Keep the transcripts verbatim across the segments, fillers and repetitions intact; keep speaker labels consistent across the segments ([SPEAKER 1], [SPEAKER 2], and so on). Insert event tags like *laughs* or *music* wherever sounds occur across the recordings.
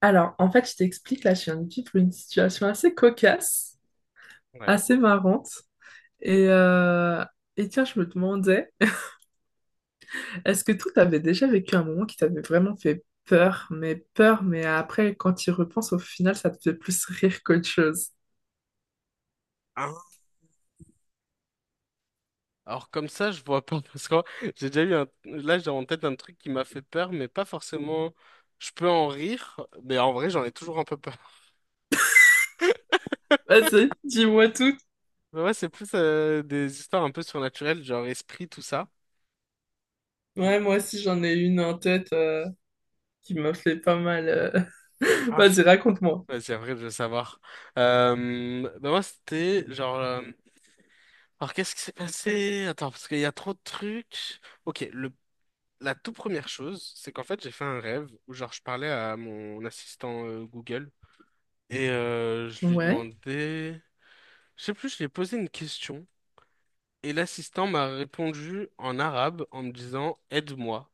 [SPEAKER 1] Alors, en fait, je t'explique, là, je viens de vivre une situation assez cocasse,
[SPEAKER 2] Ouais.
[SPEAKER 1] assez marrante. Et, euh, et tiens, je me demandais, *laughs* est-ce que toi, t'avais déjà vécu un moment qui t'avait vraiment fait peur, mais peur, mais après, quand tu y repenses, au final, ça te fait plus rire qu'autre chose?
[SPEAKER 2] Hein. Alors comme ça, je vois pas *laughs* parce que j'ai déjà eu un... Là, j'ai en tête un truc qui m'a fait peur, mais pas forcément... Je peux en rire, mais en vrai, j'en ai toujours un peu peur. *laughs*
[SPEAKER 1] Vas-y, dis-moi tout.
[SPEAKER 2] Mais ouais, c'est plus euh, des histoires un peu surnaturelles, genre esprit, tout ça. Ou-
[SPEAKER 1] Ouais, moi aussi, j'en ai une en tête euh, qui m'a fait pas mal. euh. *laughs*
[SPEAKER 2] Ah, je...
[SPEAKER 1] Vas-y, raconte-moi.
[SPEAKER 2] ouais, c'est vrai, je veux savoir. Euh... Bah moi, c'était genre... euh, alors, qu'est-ce qui s'est passé? Attends, parce qu'il y a trop de trucs. Ok, le... la toute première chose, c'est qu'en fait, j'ai fait un rêve où genre je parlais à mon assistant euh, Google. Et euh, je lui
[SPEAKER 1] Ouais.
[SPEAKER 2] demandais, je sais plus, je lui ai posé une question et l'assistant m'a répondu en arabe en me disant aide-moi.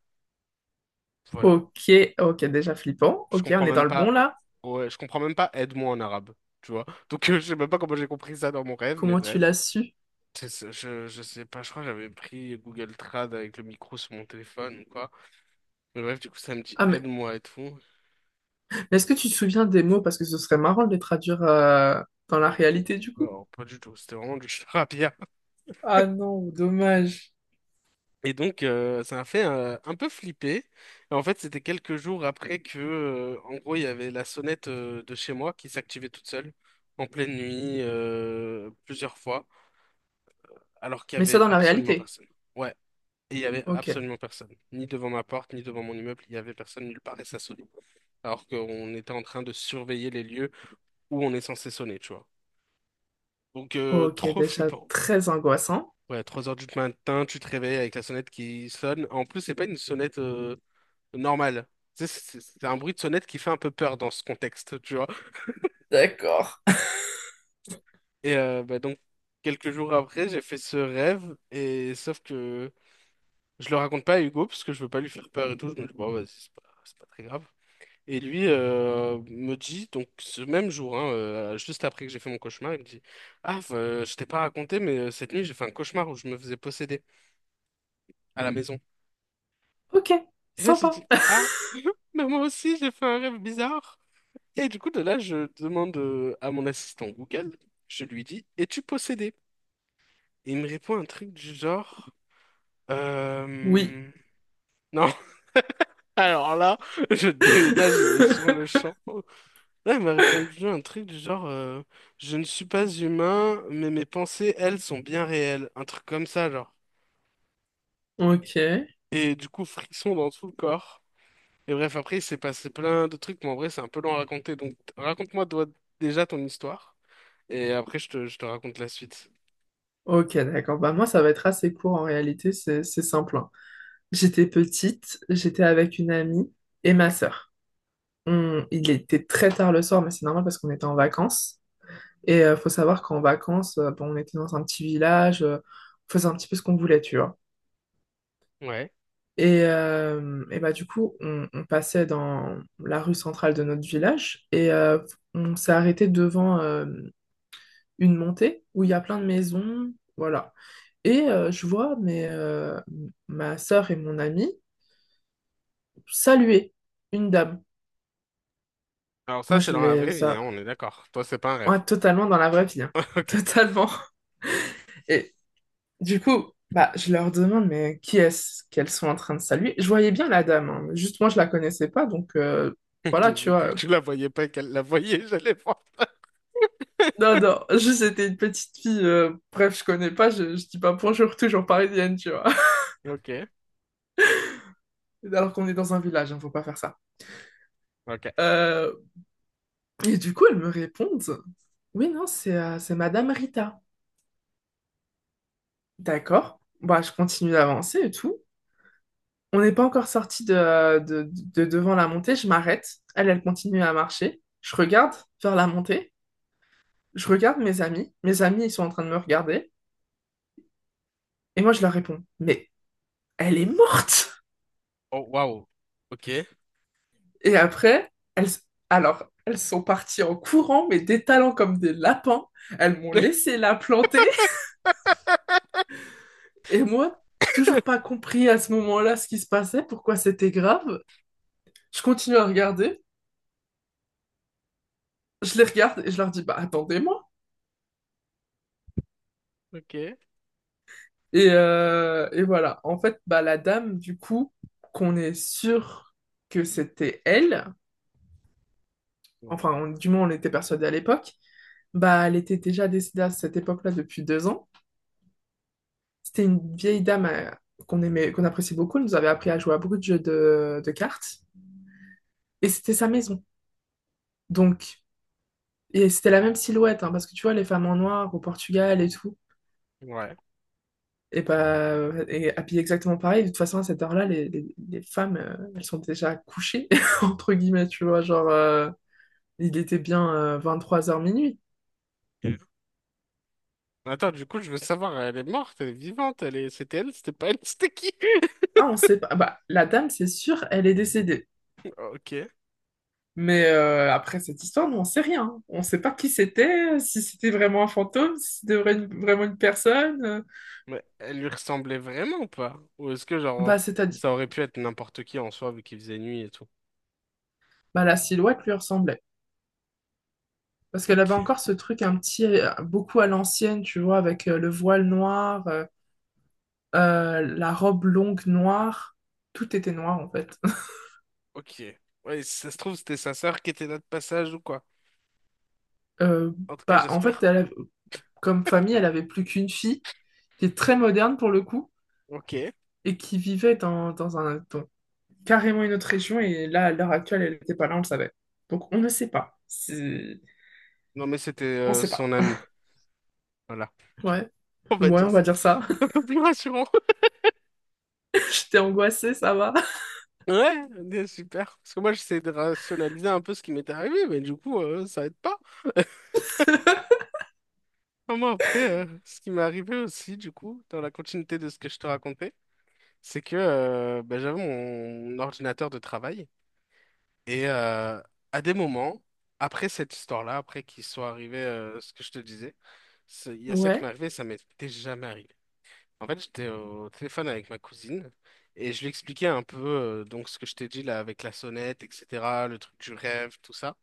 [SPEAKER 2] Voilà.
[SPEAKER 1] Ok, ok, déjà flippant.
[SPEAKER 2] Je
[SPEAKER 1] Ok, on
[SPEAKER 2] comprends
[SPEAKER 1] est dans
[SPEAKER 2] même
[SPEAKER 1] le bon,
[SPEAKER 2] pas.
[SPEAKER 1] là.
[SPEAKER 2] Ouais, je comprends même pas aide-moi en arabe, tu vois. Donc euh, je sais même pas comment j'ai compris ça dans mon rêve, mais
[SPEAKER 1] Comment tu
[SPEAKER 2] bref.
[SPEAKER 1] l'as su?
[SPEAKER 2] C'est ça. Je, je sais pas, je crois que j'avais pris Google Trad avec le micro sur mon téléphone ou quoi. Mais bref, du coup, ça me dit
[SPEAKER 1] Ah mais.
[SPEAKER 2] aide-moi et tout.
[SPEAKER 1] Est-ce que tu te souviens des mots? Parce que ce serait marrant de les traduire euh, dans
[SPEAKER 2] Ah
[SPEAKER 1] la
[SPEAKER 2] non, pff,
[SPEAKER 1] réalité du coup.
[SPEAKER 2] non, pas du tout, c'était vraiment du *laughs* charabia.
[SPEAKER 1] Ah non, dommage.
[SPEAKER 2] Et donc, euh, ça m'a fait euh, un peu flipper. Et en fait, c'était quelques jours après que, euh, en gros, il y avait la sonnette euh, de chez moi qui s'activait toute seule en pleine nuit euh, plusieurs fois, alors qu'il y
[SPEAKER 1] Mais ça
[SPEAKER 2] avait
[SPEAKER 1] dans la
[SPEAKER 2] absolument
[SPEAKER 1] réalité.
[SPEAKER 2] personne. Ouais, et il y avait
[SPEAKER 1] Ok.
[SPEAKER 2] absolument personne, ni devant ma porte, ni devant mon immeuble. Il y avait personne nulle part et ça sonnait. Alors qu'on était en train de surveiller les lieux où on est censé sonner, tu vois. Donc, euh,
[SPEAKER 1] Ok,
[SPEAKER 2] trop
[SPEAKER 1] déjà
[SPEAKER 2] flippant.
[SPEAKER 1] très angoissant.
[SPEAKER 2] Ouais, trois heures du matin, tu te réveilles avec la sonnette qui sonne. En plus, c'est pas une sonnette euh, normal. Tu sais, C'est c'est un bruit de sonnette qui fait un peu peur dans ce contexte, tu vois.
[SPEAKER 1] D'accord.
[SPEAKER 2] Et euh, bah, donc, quelques jours après, j'ai fait ce rêve, et sauf que je le raconte pas à Hugo, parce que je veux pas lui faire peur et tout. Je me dis, bon, vas-y, c'est pas, c'est pas très grave. Et lui euh, me dit, donc ce même jour, hein, euh, juste après que j'ai fait mon cauchemar, il me dit, ah, euh, je t'ai pas raconté, mais euh, cette nuit, j'ai fait un cauchemar où je me faisais posséder à la maison.
[SPEAKER 1] Ok,
[SPEAKER 2] Et là, j'ai dit,
[SPEAKER 1] sympa.
[SPEAKER 2] ah,
[SPEAKER 1] *laughs*
[SPEAKER 2] *laughs* mais moi aussi, j'ai fait un rêve bizarre. Et du coup, de là, je demande euh, à mon assistant Google, je lui dis, es-tu possédé? Et il me répond un truc du genre,
[SPEAKER 1] Oui.
[SPEAKER 2] euh... non, *laughs* alors là, je déménage, mais sur le
[SPEAKER 1] *laughs*
[SPEAKER 2] champ. Là, il m'a répondu un truc du genre, euh, je ne suis pas humain, mais mes pensées, elles, sont bien réelles. Un truc comme ça, genre.
[SPEAKER 1] Ok.
[SPEAKER 2] Et du coup, frisson dans tout le corps. Et bref, après, il s'est passé plein de trucs, mais en vrai, c'est un peu long à raconter. Donc, raconte-moi toi, déjà ton histoire, et après, je te, je te raconte la suite.
[SPEAKER 1] Ok, d'accord. Bah moi, ça va être assez court en réalité, c'est c'est simple, hein. J'étais petite, j'étais avec une amie et ma sœur. On- il était très tard le soir, mais c'est normal parce qu'on était en vacances. Et euh, faut savoir qu'en vacances, euh, bon, on était dans un petit village, euh, on faisait un petit peu ce qu'on voulait, tu vois.
[SPEAKER 2] Ouais.
[SPEAKER 1] Et, euh, et bah, du coup, on, on passait dans la rue centrale de notre village et euh, on s'est arrêté devant euh, une montée où il y a plein de maisons, voilà. Et euh, je vois mes, euh, ma sœur et mon ami saluer une dame.
[SPEAKER 2] Alors ça,
[SPEAKER 1] Moi,
[SPEAKER 2] c'est
[SPEAKER 1] je
[SPEAKER 2] dans la vraie
[SPEAKER 1] les
[SPEAKER 2] vie, hein,
[SPEAKER 1] a...
[SPEAKER 2] on est d'accord. Toi, c'est pas un rêve.
[SPEAKER 1] Ouais, totalement dans la vraie vie, hein. *laughs*
[SPEAKER 2] *laughs* Ok.
[SPEAKER 1] Totalement. Et, du coup, bah, je leur demande, mais qui est-ce qu'elles sont en train de saluer? Je voyais bien la dame, hein, juste moi, je la connaissais pas, donc euh,
[SPEAKER 2] Ok,
[SPEAKER 1] voilà, tu
[SPEAKER 2] j'ai cru
[SPEAKER 1] vois.
[SPEAKER 2] que tu la voyais pas et qu'elle la voyait, j'allais voir.
[SPEAKER 1] Non,
[SPEAKER 2] *laughs*
[SPEAKER 1] non, *laughs* juste c'était une petite fille, euh, bref, je connais pas, je, je dis pas bonjour, toujours parisienne, tu vois.
[SPEAKER 2] Ok.
[SPEAKER 1] *laughs* Alors qu'on est dans un village, hein, faut pas faire ça.
[SPEAKER 2] Ok.
[SPEAKER 1] Euh, et du coup, elles me répondent, oui, non, c'est euh, c'est Madame Rita. D'accord, bah, je continue d'avancer et tout. On n'est pas encore sorti de, de, de devant la montée, je m'arrête. Elle, elle continue à marcher. Je regarde vers la montée. Je regarde mes amis, mes amis ils sont en train de me regarder, et moi je leur réponds, mais elle est morte!
[SPEAKER 2] Oh, waouh. Ok.
[SPEAKER 1] Et après, elles, alors, elles sont parties en courant, mais détalant comme des lapins, elles m'ont
[SPEAKER 2] *laughs*
[SPEAKER 1] laissé la planter, *laughs* et moi, toujours pas compris à ce moment-là ce qui se passait, pourquoi c'était grave. Je continue à regarder, je les regarde et je leur dis, bah attendez-moi.
[SPEAKER 2] Ok.
[SPEAKER 1] Et, euh, et voilà, en fait, bah, la dame, du coup, qu'on est sûr que c'était elle,
[SPEAKER 2] Bon,
[SPEAKER 1] enfin,
[SPEAKER 2] ouais.
[SPEAKER 1] on- du moins on était persuadé à l'époque. Bah, elle était déjà décédée à cette époque-là depuis deux ans. C'était une vieille dame euh, qu'on aimait, qu'on appréciait beaucoup. Elle nous avait appris à jouer à beaucoup de jeux de, de cartes. Et c'était sa maison. Donc, et c'était la même silhouette, hein, parce que tu vois, les femmes en noir au Portugal et tout,
[SPEAKER 2] Ouais.
[SPEAKER 1] et bah, et habillées exactement pareil. De toute façon, à cette heure-là, les, les- les femmes, euh, elles sont déjà couchées, *laughs* entre guillemets, tu vois. Genre, euh, il était bien 23 heures minuit.
[SPEAKER 2] Ok. Attends, du coup, je veux savoir, elle est morte, elle est vivante, elle est... c'était elle, c'était pas elle, c'était qui? *laughs*
[SPEAKER 1] Ah, on sait pas. Bah, la dame, c'est sûr, elle est décédée.
[SPEAKER 2] Ok.
[SPEAKER 1] Mais euh, après cette histoire, nous, on sait rien. On ne sait pas qui c'était, si c'était vraiment un fantôme, si c'était vra- une- vraiment une personne. Euh,
[SPEAKER 2] Mais elle lui ressemblait vraiment ou pas? Ou est-ce que, genre,
[SPEAKER 1] Bah, c'est-à-dire,
[SPEAKER 2] ça aurait pu être n'importe qui en soi, vu qu'il faisait nuit et tout?
[SPEAKER 1] bah, la silhouette lui ressemblait. Parce qu'elle
[SPEAKER 2] Ok.
[SPEAKER 1] avait encore ce truc un petit, euh, beaucoup à l'ancienne, tu vois, avec euh, le voile noir, euh, euh, la robe longue noire. Tout était noir, en fait. *laughs*
[SPEAKER 2] Ok. Ouais, si ça se trouve, c'était sa sœur qui était là de passage ou quoi?
[SPEAKER 1] Euh,
[SPEAKER 2] En tout cas,
[SPEAKER 1] Bah, en fait,
[SPEAKER 2] j'espère.
[SPEAKER 1] elle avait- comme famille, elle avait plus qu'une fille, qui est très moderne pour le coup,
[SPEAKER 2] Ok.
[SPEAKER 1] et qui vivait dans, dans un, dans carrément une autre région et là, à l'heure actuelle, elle n'était pas là, on le savait. Donc on ne sait pas. C'est-
[SPEAKER 2] Non, mais c'était
[SPEAKER 1] On ne
[SPEAKER 2] euh,
[SPEAKER 1] sait
[SPEAKER 2] son
[SPEAKER 1] pas.
[SPEAKER 2] ami. Voilà.
[SPEAKER 1] Ouais,
[SPEAKER 2] *laughs* On va
[SPEAKER 1] ouais,
[SPEAKER 2] dire
[SPEAKER 1] on va
[SPEAKER 2] ça.
[SPEAKER 1] dire ça.
[SPEAKER 2] *laughs* Un peu plus rassurant. *laughs*
[SPEAKER 1] *laughs* J'étais angoissée, ça va.
[SPEAKER 2] Ouais, bien, super. Parce que moi, j'essaie de rationaliser un peu ce qui m'était arrivé, mais du coup, euh, ça aide pas.
[SPEAKER 1] *laughs*
[SPEAKER 2] Ah, moi, après, euh, ce qui m'est arrivé aussi, du coup, dans la continuité de ce que je te racontais, c'est que euh, bah, j'avais mon ordinateur de travail. Et euh, à des moments, après cette histoire-là, après qu'il soit arrivé euh, ce que je te disais, c'est- il y a ça qui m'est
[SPEAKER 1] Ouais.
[SPEAKER 2] arrivé, ça m'était jamais arrivé. En fait, j'étais au téléphone avec ma cousine et je lui expliquais un peu euh, donc ce que je t'ai dit là avec la sonnette, et cetera, le truc du rêve, tout ça.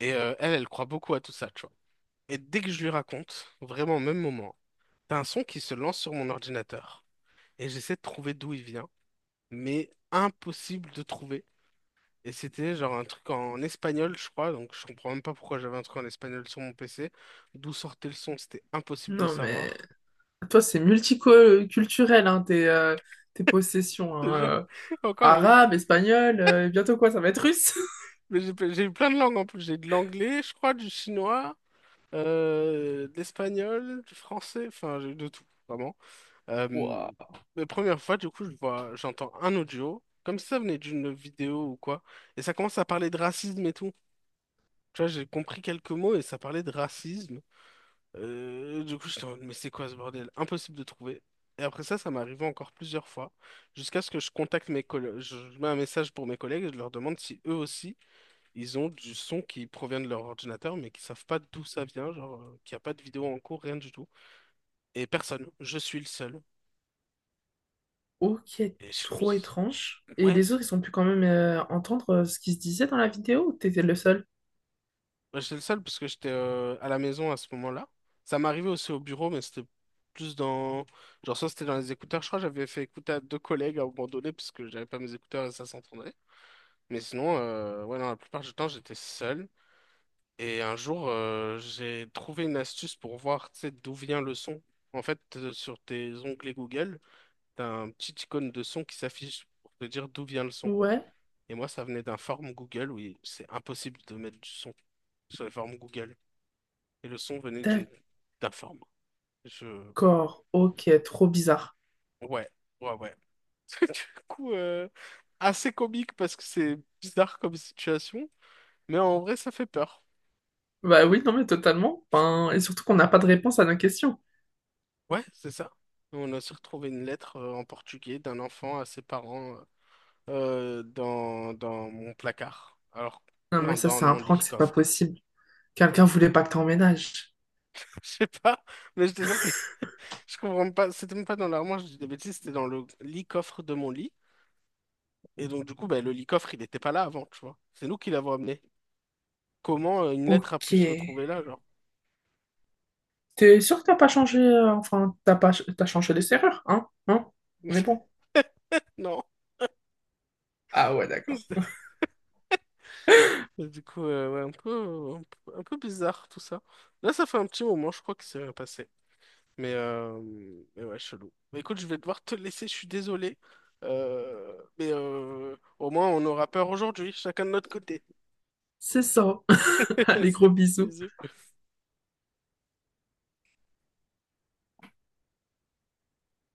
[SPEAKER 2] Et euh, elle, elle croit beaucoup à tout ça, tu vois. Et dès que je lui raconte, vraiment au même moment, t'as un son qui se lance sur mon ordinateur et j'essaie de trouver d'où il vient, mais impossible de trouver. Et c'était genre un truc en espagnol, je crois, donc je comprends même pas pourquoi j'avais un truc en espagnol sur mon P C. D'où sortait le son, c'était impossible de
[SPEAKER 1] Non, mais
[SPEAKER 2] savoir. *laughs*
[SPEAKER 1] toi, c'est multiculturel, hein, tes, euh, tes possessions,
[SPEAKER 2] Je te
[SPEAKER 1] hein,
[SPEAKER 2] jure
[SPEAKER 1] euh,
[SPEAKER 2] que encore,
[SPEAKER 1] arabe, espagnol, euh, et bientôt quoi, ça va être russe. *laughs*
[SPEAKER 2] mais j'ai j'ai eu plein de langues en plus. J'ai de l'anglais, je crois, du chinois, euh, de l'espagnol, du français, enfin, j'ai eu de tout, vraiment. Euh,
[SPEAKER 1] Waouh.
[SPEAKER 2] la première fois, du coup, je vois, j'entends un audio, comme si ça venait d'une vidéo ou quoi, et ça commence à parler de racisme et tout. Tu vois, j'ai compris quelques mots et ça parlait de racisme. Euh, du coup, je me mais c'est quoi ce bordel? Impossible de trouver. Et après ça, ça m'est arrivé encore plusieurs fois, jusqu'à ce que je contacte mes collègues, je je mets un message pour mes collègues et je leur demande si eux aussi ils ont du son qui provient de leur ordinateur, mais qui savent pas d'où ça vient, genre, euh, qu'il n'y a pas de vidéo en cours, rien du tout. Et personne, je suis le seul.
[SPEAKER 1] Ok,
[SPEAKER 2] Et je me
[SPEAKER 1] trop
[SPEAKER 2] dis,
[SPEAKER 1] étrange. Et
[SPEAKER 2] ouais,
[SPEAKER 1] les autres, ils ont pu quand même euh, entendre euh, ce qui se disait dans la vidéo ou t'étais le seul?
[SPEAKER 2] ouais, j'étais le seul parce que j'étais euh, à la maison à ce moment-là. Ça m'arrivait aussi au bureau, mais c'était plus dans. Genre, soit c'était dans les écouteurs, je crois que j'avais fait écouter à deux collègues à un moment donné, parce que j'avais pas mes écouteurs et ça s'entendait. Mais sinon, euh, ouais, non, la plupart du temps, j'étais seul. Et un jour, euh, j'ai trouvé une astuce pour voir, tu sais, d'où vient le son. En fait, euh, sur tes onglets Google, t'as un petit icône de son qui s'affiche pour te dire d'où vient le son.
[SPEAKER 1] Ouais.
[SPEAKER 2] Et moi, ça venait d'un form Google où il- c'est impossible de mettre du son sur les formes Google. Et le son venait d'une d'un form. Je...
[SPEAKER 1] D'accord, ok, trop bizarre.
[SPEAKER 2] ouais, ouais, ouais. *laughs* Du coup, euh, assez comique parce que c'est bizarre comme situation, mais en vrai, ça fait peur.
[SPEAKER 1] Bah oui, non mais totalement. Ben, et surtout qu'on n'a pas de réponse à nos questions.
[SPEAKER 2] Ouais, c'est ça. On a aussi retrouvé une lettre euh, en portugais d'un enfant à ses parents euh, dans, dans mon placard. Alors,
[SPEAKER 1] Non mais
[SPEAKER 2] non,
[SPEAKER 1] ça
[SPEAKER 2] dans
[SPEAKER 1] c'est un
[SPEAKER 2] mon
[SPEAKER 1] prank,
[SPEAKER 2] lit,
[SPEAKER 1] c'est pas
[SPEAKER 2] coffre.
[SPEAKER 1] possible. Quelqu'un voulait pas que t'emménages.
[SPEAKER 2] *laughs* Je sais pas, mais je te jure je comprends pas, c'était même pas dans l'armoire, je dis des bêtises, c'était dans le lit coffre de mon lit. Et donc, du coup, bah, le lit coffre, il n'était pas là avant, tu vois. C'est nous qui l'avons amené. Comment euh, une lettre a
[SPEAKER 1] Ok.
[SPEAKER 2] pu se retrouver là, genre?
[SPEAKER 1] T'es sûr que t'as pas changé, euh, enfin t'as pas, t'as changé les serrures, hein? Hein? On est bon.
[SPEAKER 2] *laughs* Non.
[SPEAKER 1] Ah ouais, d'accord.
[SPEAKER 2] *laughs* Et du coup, euh, ouais, un peu, un peu, un peu bizarre tout ça. Là, ça fait un petit moment, je crois que c'est rien passé. Mais, euh, mais ouais, chelou. Mais écoute, je vais devoir te laisser, je suis désolé. Euh, mais euh, au moins, on aura peur aujourd'hui, chacun de notre côté.
[SPEAKER 1] C'est ça. *laughs*
[SPEAKER 2] *laughs*
[SPEAKER 1] Allez, gros
[SPEAKER 2] C'est
[SPEAKER 1] bisous.
[SPEAKER 2] bisous.